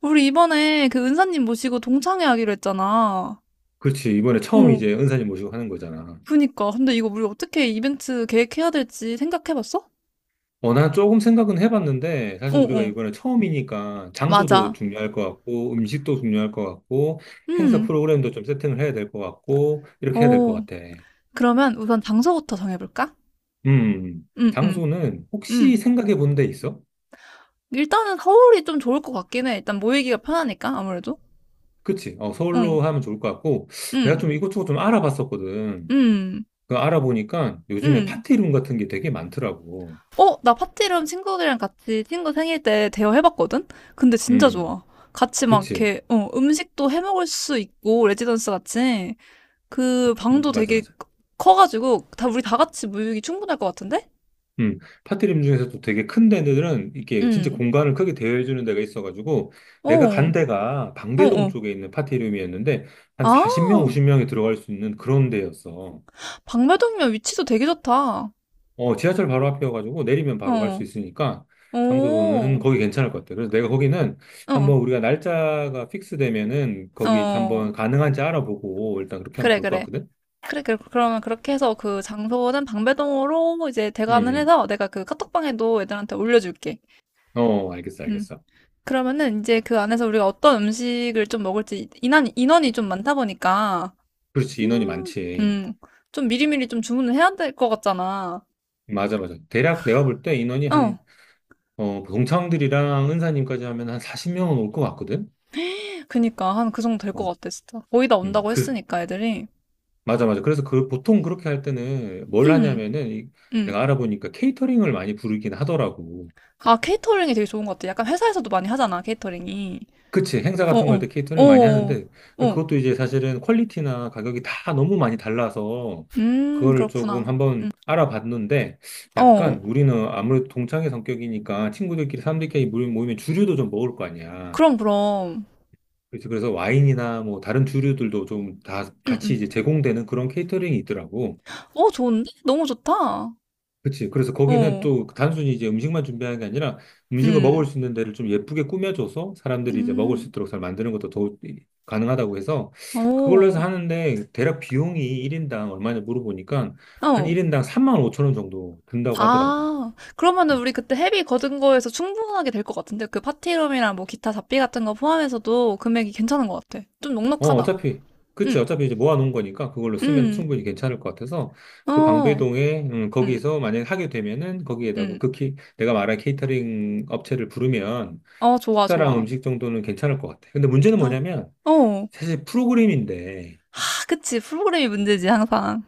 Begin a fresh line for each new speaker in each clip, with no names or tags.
우리 이번에 그 은사님 모시고 동창회 하기로 했잖아.
그렇지. 이번에 처음
어,
이제 은사님 모시고 하는 거잖아.
그니까. 근데 이거 우리 어떻게 이벤트 계획해야 될지 생각해봤어?
난 조금 생각은 해봤는데,
어,
사실 우리가
어.
이번에 처음이니까 장소도
맞아.
중요할 것 같고, 음식도 중요할 것 같고, 행사
음,
프로그램도 좀 세팅을 해야 될 것 같고, 이렇게 해야 될 것
어.
같아.
그러면 우선 장소부터 정해볼까? 음, 음,
장소는 혹시
음.
생각해 본 데 있어?
일단은 서울이 좀 좋을 것 같긴 해. 일단 모이기가 편하니까, 아무래도.
그치.
응,
서울로 하면 좋을 것 같고, 내가
응,
좀 이것저것 좀 알아봤었거든.
응,
그 알아보니까 요즘에
응.
파티룸 같은 게 되게 많더라고.
어, 나 파티룸 친구들이랑 같이 친구 생일 때 대여해봤거든? 근데 진짜
음,
좋아. 같이 막
그치.
이렇게, 음식도 해먹을 수 있고, 레지던스 같이. 그 방도
맞아,
되게
맞아.
커가지고 다 우리 다 같이 모이기 충분할 것 같은데?
파티림 중에서도 되게 큰 데들은 이렇게 진짜
응.
공간을 크게 대여해주는 데가 있어가지고 내가 간
어,
데가
어,
방배동
어.
쪽에 있는 파티룸이었는데 한
아,
40명, 50명이 들어갈 수 있는 그런 데였어.
박배동이면 위치도 되게 좋다.
지하철 바로 앞이어가지고 내리면 바로 갈 수
어,
있으니까 장소도는
오,
거기 괜찮을 것 같아. 그래서 내가 거기는
어,
한번 우리가 날짜가 픽스되면은 거기 한번
어.
가능한지 알아보고 일단 그렇게 하면
그래,
좋을 것
그래.
같거든?
그래, 그래. 그러면 그렇게 해서 그 장소는 방배동으로 이제 대관을
음,
해서 내가 그 카톡방에도 애들한테 올려줄게.
어, 알겠어,
음.
알겠어.
그러면은 이제 그 안에서 우리가 어떤 음식을 좀 먹을지 인원이 좀 많다 보니까
그렇지, 인원이
음,
많지.
음, 좀 미리미리 좀 주문을 해야 될 것 같잖아.
맞아, 맞아. 대략 내가 볼 때 인원이
어,
한 그 동창들이랑 은사님까지 하면 한 40명은 올 것 같거든?
그니까 한 그 정도 될 것
어,
같아, 진짜. 거의 다
음,
온다고
그,
했으니까 애들이.
맞아, 맞아. 그래서 그, 보통 그렇게 할 때는 뭘
음,
하냐면은,
음.
내가 알아보니까 케이터링을 많이 부르긴 하더라고.
아, 케이터링이 되게 좋은 것 같아. 약간 회사에서도 많이 하잖아, 케이터링이.
그치, 행사
어,
같은 거 할
어,
때
어,
케이터링 많이
어,
하는데,
어.
그것도 이제 사실은 퀄리티나 가격이 다 너무 많이 달라서, 그거를 조금
그렇구나.
한번 알아봤는데,
어,
약간 우리는 아무래도 동창의 성격이니까 친구들끼리, 사람들끼리 모이면 주류도 좀 먹을 거 아니야.
그럼, 그럼.
그래서 와인이나 뭐 다른 주류들도 좀 다
음,
같이
음.
이제 제공되는 그런 케이터링이 있더라고.
어, 좋은데? 너무 좋다. 어,
그치. 그래서 거기는 또 단순히 이제 음식만 준비하는 게 아니라 음식을 먹을
음,
수 있는 데를 좀 예쁘게 꾸며줘서 사람들이 이제 먹을 수
음,
있도록 잘 만드는 것도 더욱 가능하다고 해서 그걸로 해서
어,
하는데 대략 비용이 1인당 얼마냐 물어보니까 한
어.
1인당 3만 5천 원 정도 든다고 하더라고.
아, 그러면은
음.
우리 그때 헤비 거둔 거에서 충분하게 될 것 같은데? 그 파티룸이랑 뭐 기타 잡비 같은 거 포함해서도 금액이 괜찮은 것 같아. 좀
어,
넉넉하다.
어차피, 그치.
응,
어차피 이제 모아놓은 거니까 그걸로 쓰면
응,
충분히 괜찮을 것 같아서 그
어,
방배동에,
응,
거기서 만약에 하게 되면은 거기에다가
응.
내가 말한 케이터링 업체를 부르면
어, 좋아,
식사랑
좋아.
음식 정도는 괜찮을 것 같아. 근데 문제는
아,
뭐냐면
어.
사실 프로그램인데
하, 그치. 프로그램이 문제지, 항상.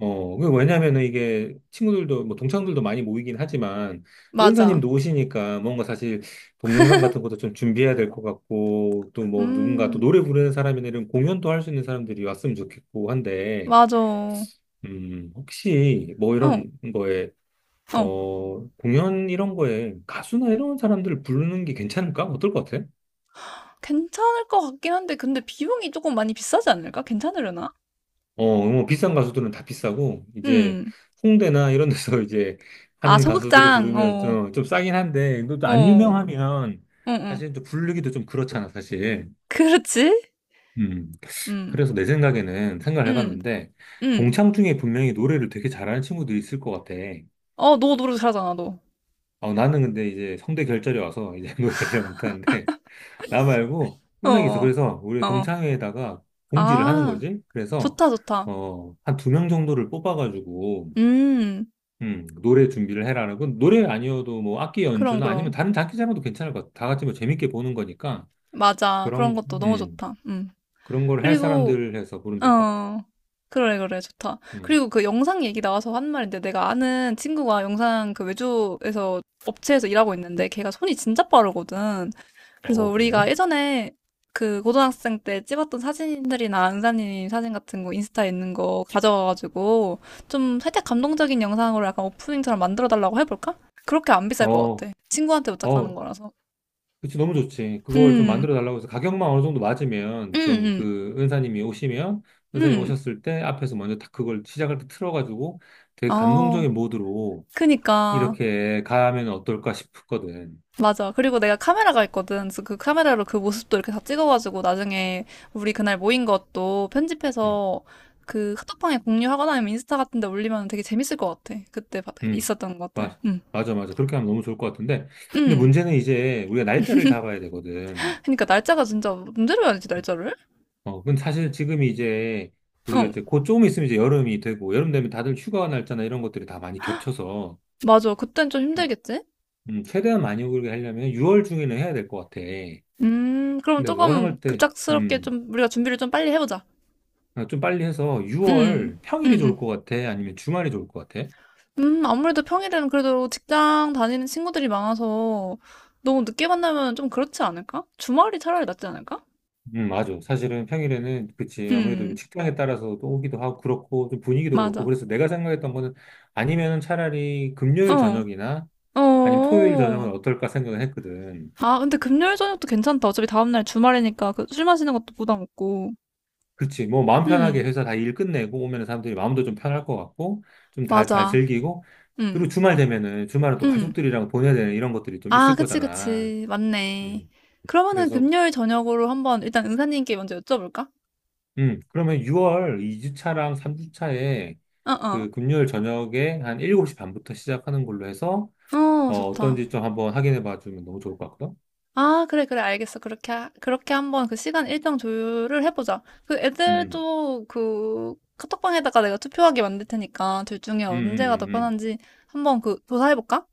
그 왜냐면은 이게 친구들도, 뭐, 동창들도 많이 모이긴 하지만, 또
맞아.
은사님도 오시니까 뭔가 사실 동영상 같은 것도 좀 준비해야 될 것 같고, 또 뭐, 누군가 또
음,
노래 부르는 사람이나 이런 공연도 할 수 있는 사람들이 왔으면 좋겠고 한데,
맞아. 어,
혹시 뭐 이런 거에,
어.
어, 공연 이런 거에 가수나 이런 사람들 부르는 게 괜찮을까? 어떨 것 같아?
괜찮을 것 같긴 한데, 근데 비용이 조금 많이 비싸지 않을까? 괜찮으려나?
뭐 비싼 가수들은 다 비싸고, 이제
음.
홍대나 이런 데서 이제
아,
하는 가수들을
소극장.
부르면
어,
좀 싸긴 한데, 근데 또 안
어,
유명하면
어, 어.
사실 또 부르기도 좀 그렇잖아, 사실.
그렇지.
음.
음.
그래서 내 생각에는 생각을
응,
해봤는데,
응.
동창 중에 분명히 노래를 되게 잘하는 친구도 있을 것 같아.
어, 너 노래 잘하잖아, 너.
어, 나는 근데 이제 성대 결절이 와서 이제 노래를 잘 못하는데, 나 말고
어,
분명히 있어.
어.
그래서 우리
어.
동창회에다가 공지를 하는
아,
거지.
좋다, 좋다.
한 두 명 정도를 뽑아가지고,
음,
노래 준비를 해라는 건 노래 아니어도 뭐 악기
그럼,
연주나 아니면
그럼.
다른 장기자랑도 괜찮을 것 같아. 다 같이 뭐 재밌게 보는 거니까.
맞아. 그런
그런,
것도 너무
음,
좋다. 음.
그런 걸 할
그리고
사람들 해서 보면 될 것 같아.
어, 그래, 그래, 좋다.
음.
그리고 그 영상 얘기 나와서 한 말인데, 내가 아는 친구가 영상 그 외주에서 업체에서 일하고 있는데, 걔가 손이 진짜 빠르거든. 그래서
어, 그래?
우리가 예전에 그 고등학생 때 찍었던 사진들이나 은사님 사진 같은 거 인스타에 있는 거 가져와가지고, 좀 살짝 감동적인 영상으로 약간 오프닝처럼 만들어 달라고 해볼까? 그렇게 안 비쌀 것
어,
같아. 친구한테 부탁하는
어,
거라서.
그치, 너무 좋지. 그걸 좀
음,
만들어 달라고 해서 가격만 어느 정도 맞으면 좀
음,
그 은사님이 오시면
음,
은사님
음.
오셨을 때 앞에서 먼저 딱 그걸 시작할 때 틀어가지고 되게
어,
감동적인 모드로
그니까.
이렇게 가면 어떨까 싶거든.
맞아. 그리고 내가 카메라가 있거든. 그래서 그 카메라로 그 모습도 이렇게 다 찍어가지고 나중에 우리 그날 모인 것도
음,
편집해서 그 카톡방에 공유하거나 아니면 인스타 같은 데 올리면 되게 재밌을 것 같아. 그때
음.
있었던 것들.
맞아,
응.
맞아. 그렇게 하면 너무 좋을 것 같은데. 근데
응.
문제는 이제 우리가 날짜를 잡아야 되거든.
그러니까 날짜가 진짜 문제로 해야지, 날짜를.
근데 사실 지금 이제 우리가
응.
이제 곧 조금 있으면 이제 여름이 되고, 여름 되면 다들 휴가 날짜나 이런 것들이 다 많이 겹쳐서,
맞아. 그땐 좀
음,
힘들겠지?
최대한 많이 오게 하려면 6월 중에는 해야 될 것 같아.
그럼
근데 너가
조금
생각할 때,
급작스럽게
음,
좀 우리가 준비를 좀 빨리 해보자.
아, 좀 빨리 해서
응.
6월
응,
평일이 좋을
응.
것 같아? 아니면 주말이 좋을 것 같아?
아무래도 평일에는 그래도 직장 다니는 친구들이 많아서 너무 늦게 만나면 좀 그렇지 않을까? 주말이 차라리 낫지 않을까?
맞아. 사실은 평일에는, 그치. 아무래도 좀
음,
직장에 따라서 또 오기도 하고, 그렇고, 좀 분위기도 그렇고.
맞아.
그래서 내가 생각했던 거는, 아니면은 차라리 금요일
어,
저녁이나, 아니면 토요일 저녁은
어.
어떨까 생각을 했거든.
아, 근데 금요일 저녁도 괜찮다. 어차피 다음날 주말이니까 그 술 마시는 것도 부담 없고.
그치. 뭐, 마음 편하게
음,
회사 다 일 끝내고, 오면 사람들이 마음도 좀 편할 것 같고, 좀 다 잘
맞아.
즐기고,
음,
그리고 주말 되면은, 주말은 또
음.
가족들이랑 보내야 되는 이런 것들이 좀
아,
있을
그치,
거잖아.
그치. 맞네.
음,
그러면은
그래서,
금요일 저녁으로 한번 일단 은사님께 먼저 여쭤볼까?
그러면 6월 2주차랑 3주차에,
어, 어.
그 금요일 저녁에 한 7시 반부터 시작하는 걸로 해서,
어,
어,
좋다.
어떤지 좀 한번 확인해 봐주면 너무 좋을 것 같거든?
아, 그래, 그래, 알겠어. 그렇게, 그렇게 한번 그 시간 일정 조율을 해보자. 그
음,
애들도 그 카톡방에다가 내가 투표하게 만들 테니까 둘 중에
음,
언제가 더
음, 음.
편한지 한번 그 조사해볼까?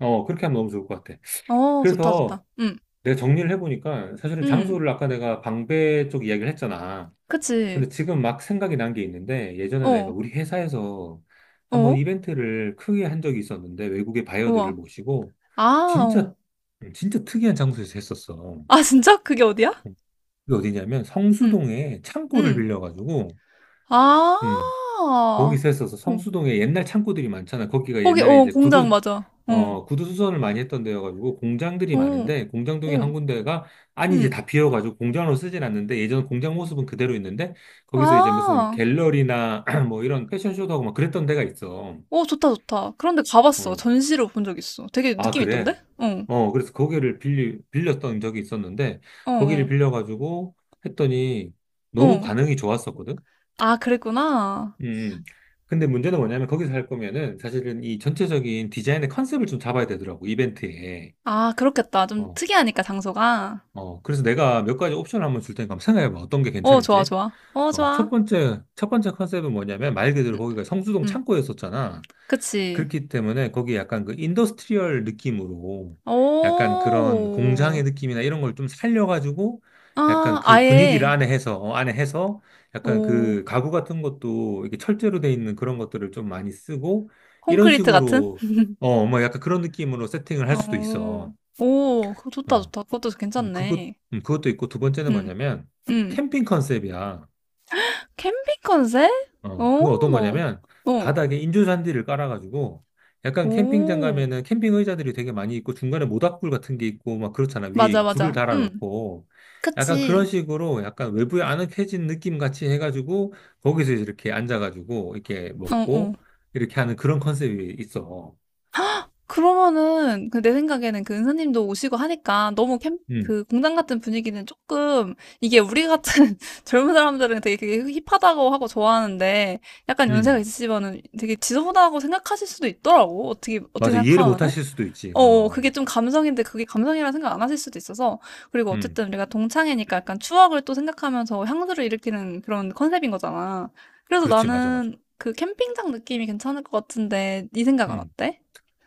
음. 어, 그렇게 하면 너무 좋을 것 같아.
어, 좋다, 좋다.
그래서
응,
내가 정리를 해보니까 사실은
응,
장소를 아까 내가 방배 쪽 이야기를 했잖아.
그치.
근데 지금 막 생각이 난 게 있는데 예전에 내가
어,
우리 회사에서 한번
어,
이벤트를 크게 한 적이 있었는데 외국의 바이어들을
우와.
모시고
아, 어.
진짜, 진짜 특이한 장소에서 했었어.
아, 진짜? 그게 어디야?
그게 어디냐면
응,
성수동에 창고를
응.
빌려가지고
아,
음,
어.
거기서 했어서 성수동에 옛날 창고들이 많잖아. 거기가
거기,
옛날에
어,
이제
공장
구두,
맞아. 어,
어, 구두 수선을 많이 했던 데여가지고 공장들이
어,
많은데 공장동에
어,
한 군데가 아니 이제
응.
다 비어가지고 공장으로 쓰진 않는데 예전 공장 모습은 그대로 있는데 거기서 이제 무슨
아.
갤러리나 뭐 이런 패션쇼도 하고 막 그랬던 데가 있어.
어, 좋다, 좋다. 그런데 가봤어.
어.
전시를 본 적 있어. 되게
아,
느낌
그래?
있던데? 어,
그래서 빌렸던 적이 있었는데
어,
거기를
어,
빌려가지고 했더니 너무
어.
반응이 좋았었거든?
아, 그랬구나.
음. 근데 문제는 뭐냐면 거기서 할 거면은 사실은 이 전체적인 디자인의 컨셉을 좀 잡아야 되더라고, 이벤트에.
아, 그렇겠다. 좀
어,
특이하니까, 장소가.
어. 그래서 내가 몇 가지 옵션을 한번 줄 테니까 한번 생각해봐. 어떤 게
어, 좋아,
괜찮을지.
좋아. 어,
어,
좋아.
첫 번째 컨셉은 뭐냐면 말 그대로
음,
거기가 성수동
음.
창고였었잖아.
그치.
그렇기 때문에 거기 약간 그 인더스트리얼 느낌으로 약간 그런 공장의
오,
느낌이나 이런 걸 좀 살려가지고 약간
아,
그 분위기를
아예,
안에 해서, 어, 안에 해서 약간
오,
그 가구 같은 것도 이렇게 철제로 돼 있는 그런 것들을 좀 많이 쓰고 이런
콘크리트 같은?
식으로 약간 그런 느낌으로 세팅을 할 수도
오,
있어.
오, 그거 좋다,
어,
좋다. 그것도
음, 그것,
괜찮네.
그것도 있고 두 번째는
음,
뭐냐면
음.
캠핑 컨셉이야.
캠핑 컨셉?
어,
오,
그건 어떤
오
거냐면 바닥에 인조잔디를 깔아가지고 약간 캠핑장
오,
가면은 캠핑 의자들이 되게 많이 있고 중간에 모닥불 같은 게 있고 막 그렇잖아.
맞아,
위에 불을
맞아.
달아놓고 약간 그런
그치.
식으로 약간 외부에 아늑해진 느낌 같이 해가지고 거기서 이제 이렇게 앉아가지고 이렇게
어, 어.
먹고 이렇게 하는 그런 컨셉이 있어.
그러면은 그 내 생각에는 그 은사님도 오시고 하니까 너무 캠,
음,
그 공장 같은 분위기는 조금 이게 우리 같은 젊은 사람들은 되게 그게 힙하다고 하고 좋아하는데 약간 연세가
음,
있으시면은 되게 지저분하다고 생각하실 수도 있더라고. 어떻게
맞아. 이해를 못
생각하면은.
하실 수도 있지.
어, 어,
어,
그게 좀 감성인데 그게 감성이라 생각 안 하실 수도 있어서 그리고
음,
어쨌든 우리가 동창회니까 약간 추억을 또 생각하면서 향수를 일으키는 그런 컨셉인 거잖아. 그래서
그렇지. 맞아, 맞아.
나는 그 캠핑장 느낌이 괜찮을 것 같은데 네 생각은
음.
어때?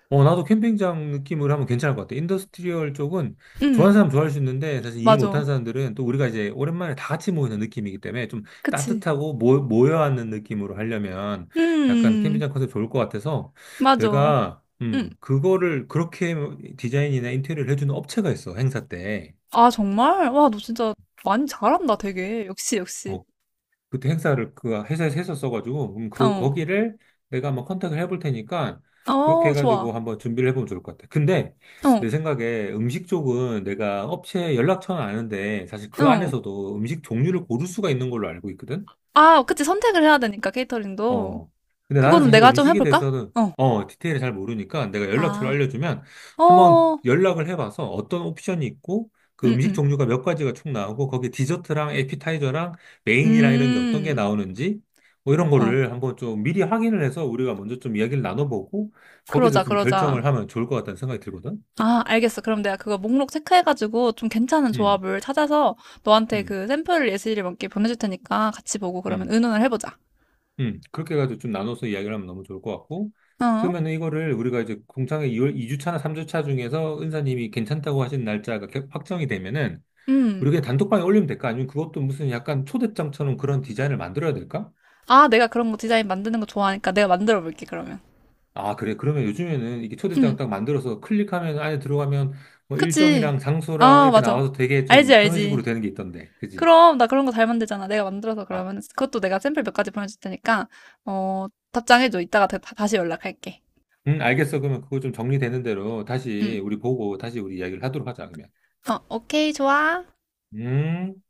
어, 나도 캠핑장 느낌으로 하면 괜찮을 것 같아. 인더스트리얼 쪽은 좋아하는
음,
사람 좋아할 수 있는데 사실 이해
맞아.
못하는 사람들은 또 우리가 이제 오랜만에 다 같이 모이는 느낌이기 때문에 좀
그치.
따뜻하고 모여앉는 느낌으로 하려면 약간
음,
캠핑장 컨셉 좋을 것 같아서
맞아.
내가
음.
그거를 그렇게 디자인이나 인테리어를 해주는 업체가 있어, 행사 때.
아, 정말? 와, 너 진짜 많이 잘한다, 되게. 역시, 역시.
어, 그때 행사를 그 회사에서 했었어가지고,
어,
거기를 내가 한번 컨택을 해볼 테니까, 그렇게
어,
해가지고
좋아.
한번 준비를 해보면 좋을 것 같아. 근데,
어,
내 생각에 음식 쪽은 내가 업체 연락처는 아는데, 사실 그
어.
안에서도 음식 종류를 고를 수가 있는 걸로 알고 있거든?
아, 그치. 선택을 해야 되니까, 케이터링도.
어. 근데 나는
그거는
사실
내가 좀
음식에
해볼까?
대해서는,
어.
디테일을 잘 모르니까 내가 연락처를
아,
알려주면 한번
어,
연락을 해봐서 어떤 옵션이 있고 그
음,
음식
음,
종류가 몇 가지가 총 나오고 거기에 디저트랑 에피타이저랑 메인이랑 이런 게 어떤 게
음.
나오는지 뭐 이런
어,
거를 한번 좀 미리 확인을 해서 우리가 먼저 좀 이야기를 나눠보고 거기서
그러자,
좀
그러자.
결정을 하면 좋을 것 같다는 생각이 들거든.
아, 알겠어. 그럼 내가 그거 목록 체크해가지고 좀 괜찮은
음,
조합을 찾아서 너한테
음,
그 샘플 예시를 몇 개 보내줄 테니까 같이 보고 그러면
음.
의논을 해보자.
그렇게 해가지고 좀 나눠서 이야기를 하면 너무 좋을 것 같고,
어?
그러면은 이거를 우리가 이제 공창회 2월 주 차나 삼주차나 3주차 중에서 은사님이 괜찮다고 하신 날짜가 확정이 되면은,
음.
우리 그냥 단톡방에 올리면 될까? 아니면 그것도 무슨 약간 초대장처럼 그런 디자인을 만들어야 될까?
아, 내가 그런 거 디자인 만드는 거 좋아하니까 내가 만들어 볼게, 그러면.
아, 그래. 그러면 요즘에는 이게 초대장
음.
딱 만들어서 클릭하면 안에 들어가면 뭐
그치.
일정이랑 장소랑
아,
이렇게
맞아.
나와서 되게
알지,
좀 그런 식으로
알지.
되는 게 있던데. 그지?
그럼, 나 그런 거 잘 만들잖아. 내가 만들어서
아,
그러면, 그것도 내가 샘플 몇 가지 보내줄 테니까, 어, 답장해줘. 이따가 다시 연락할게.
알겠어. 그러면 그거 좀 정리되는 대로
응
다시 우리 보고 다시 우리 이야기를 하도록 하자, 그러면.
어, 오케이, 좋아.
음.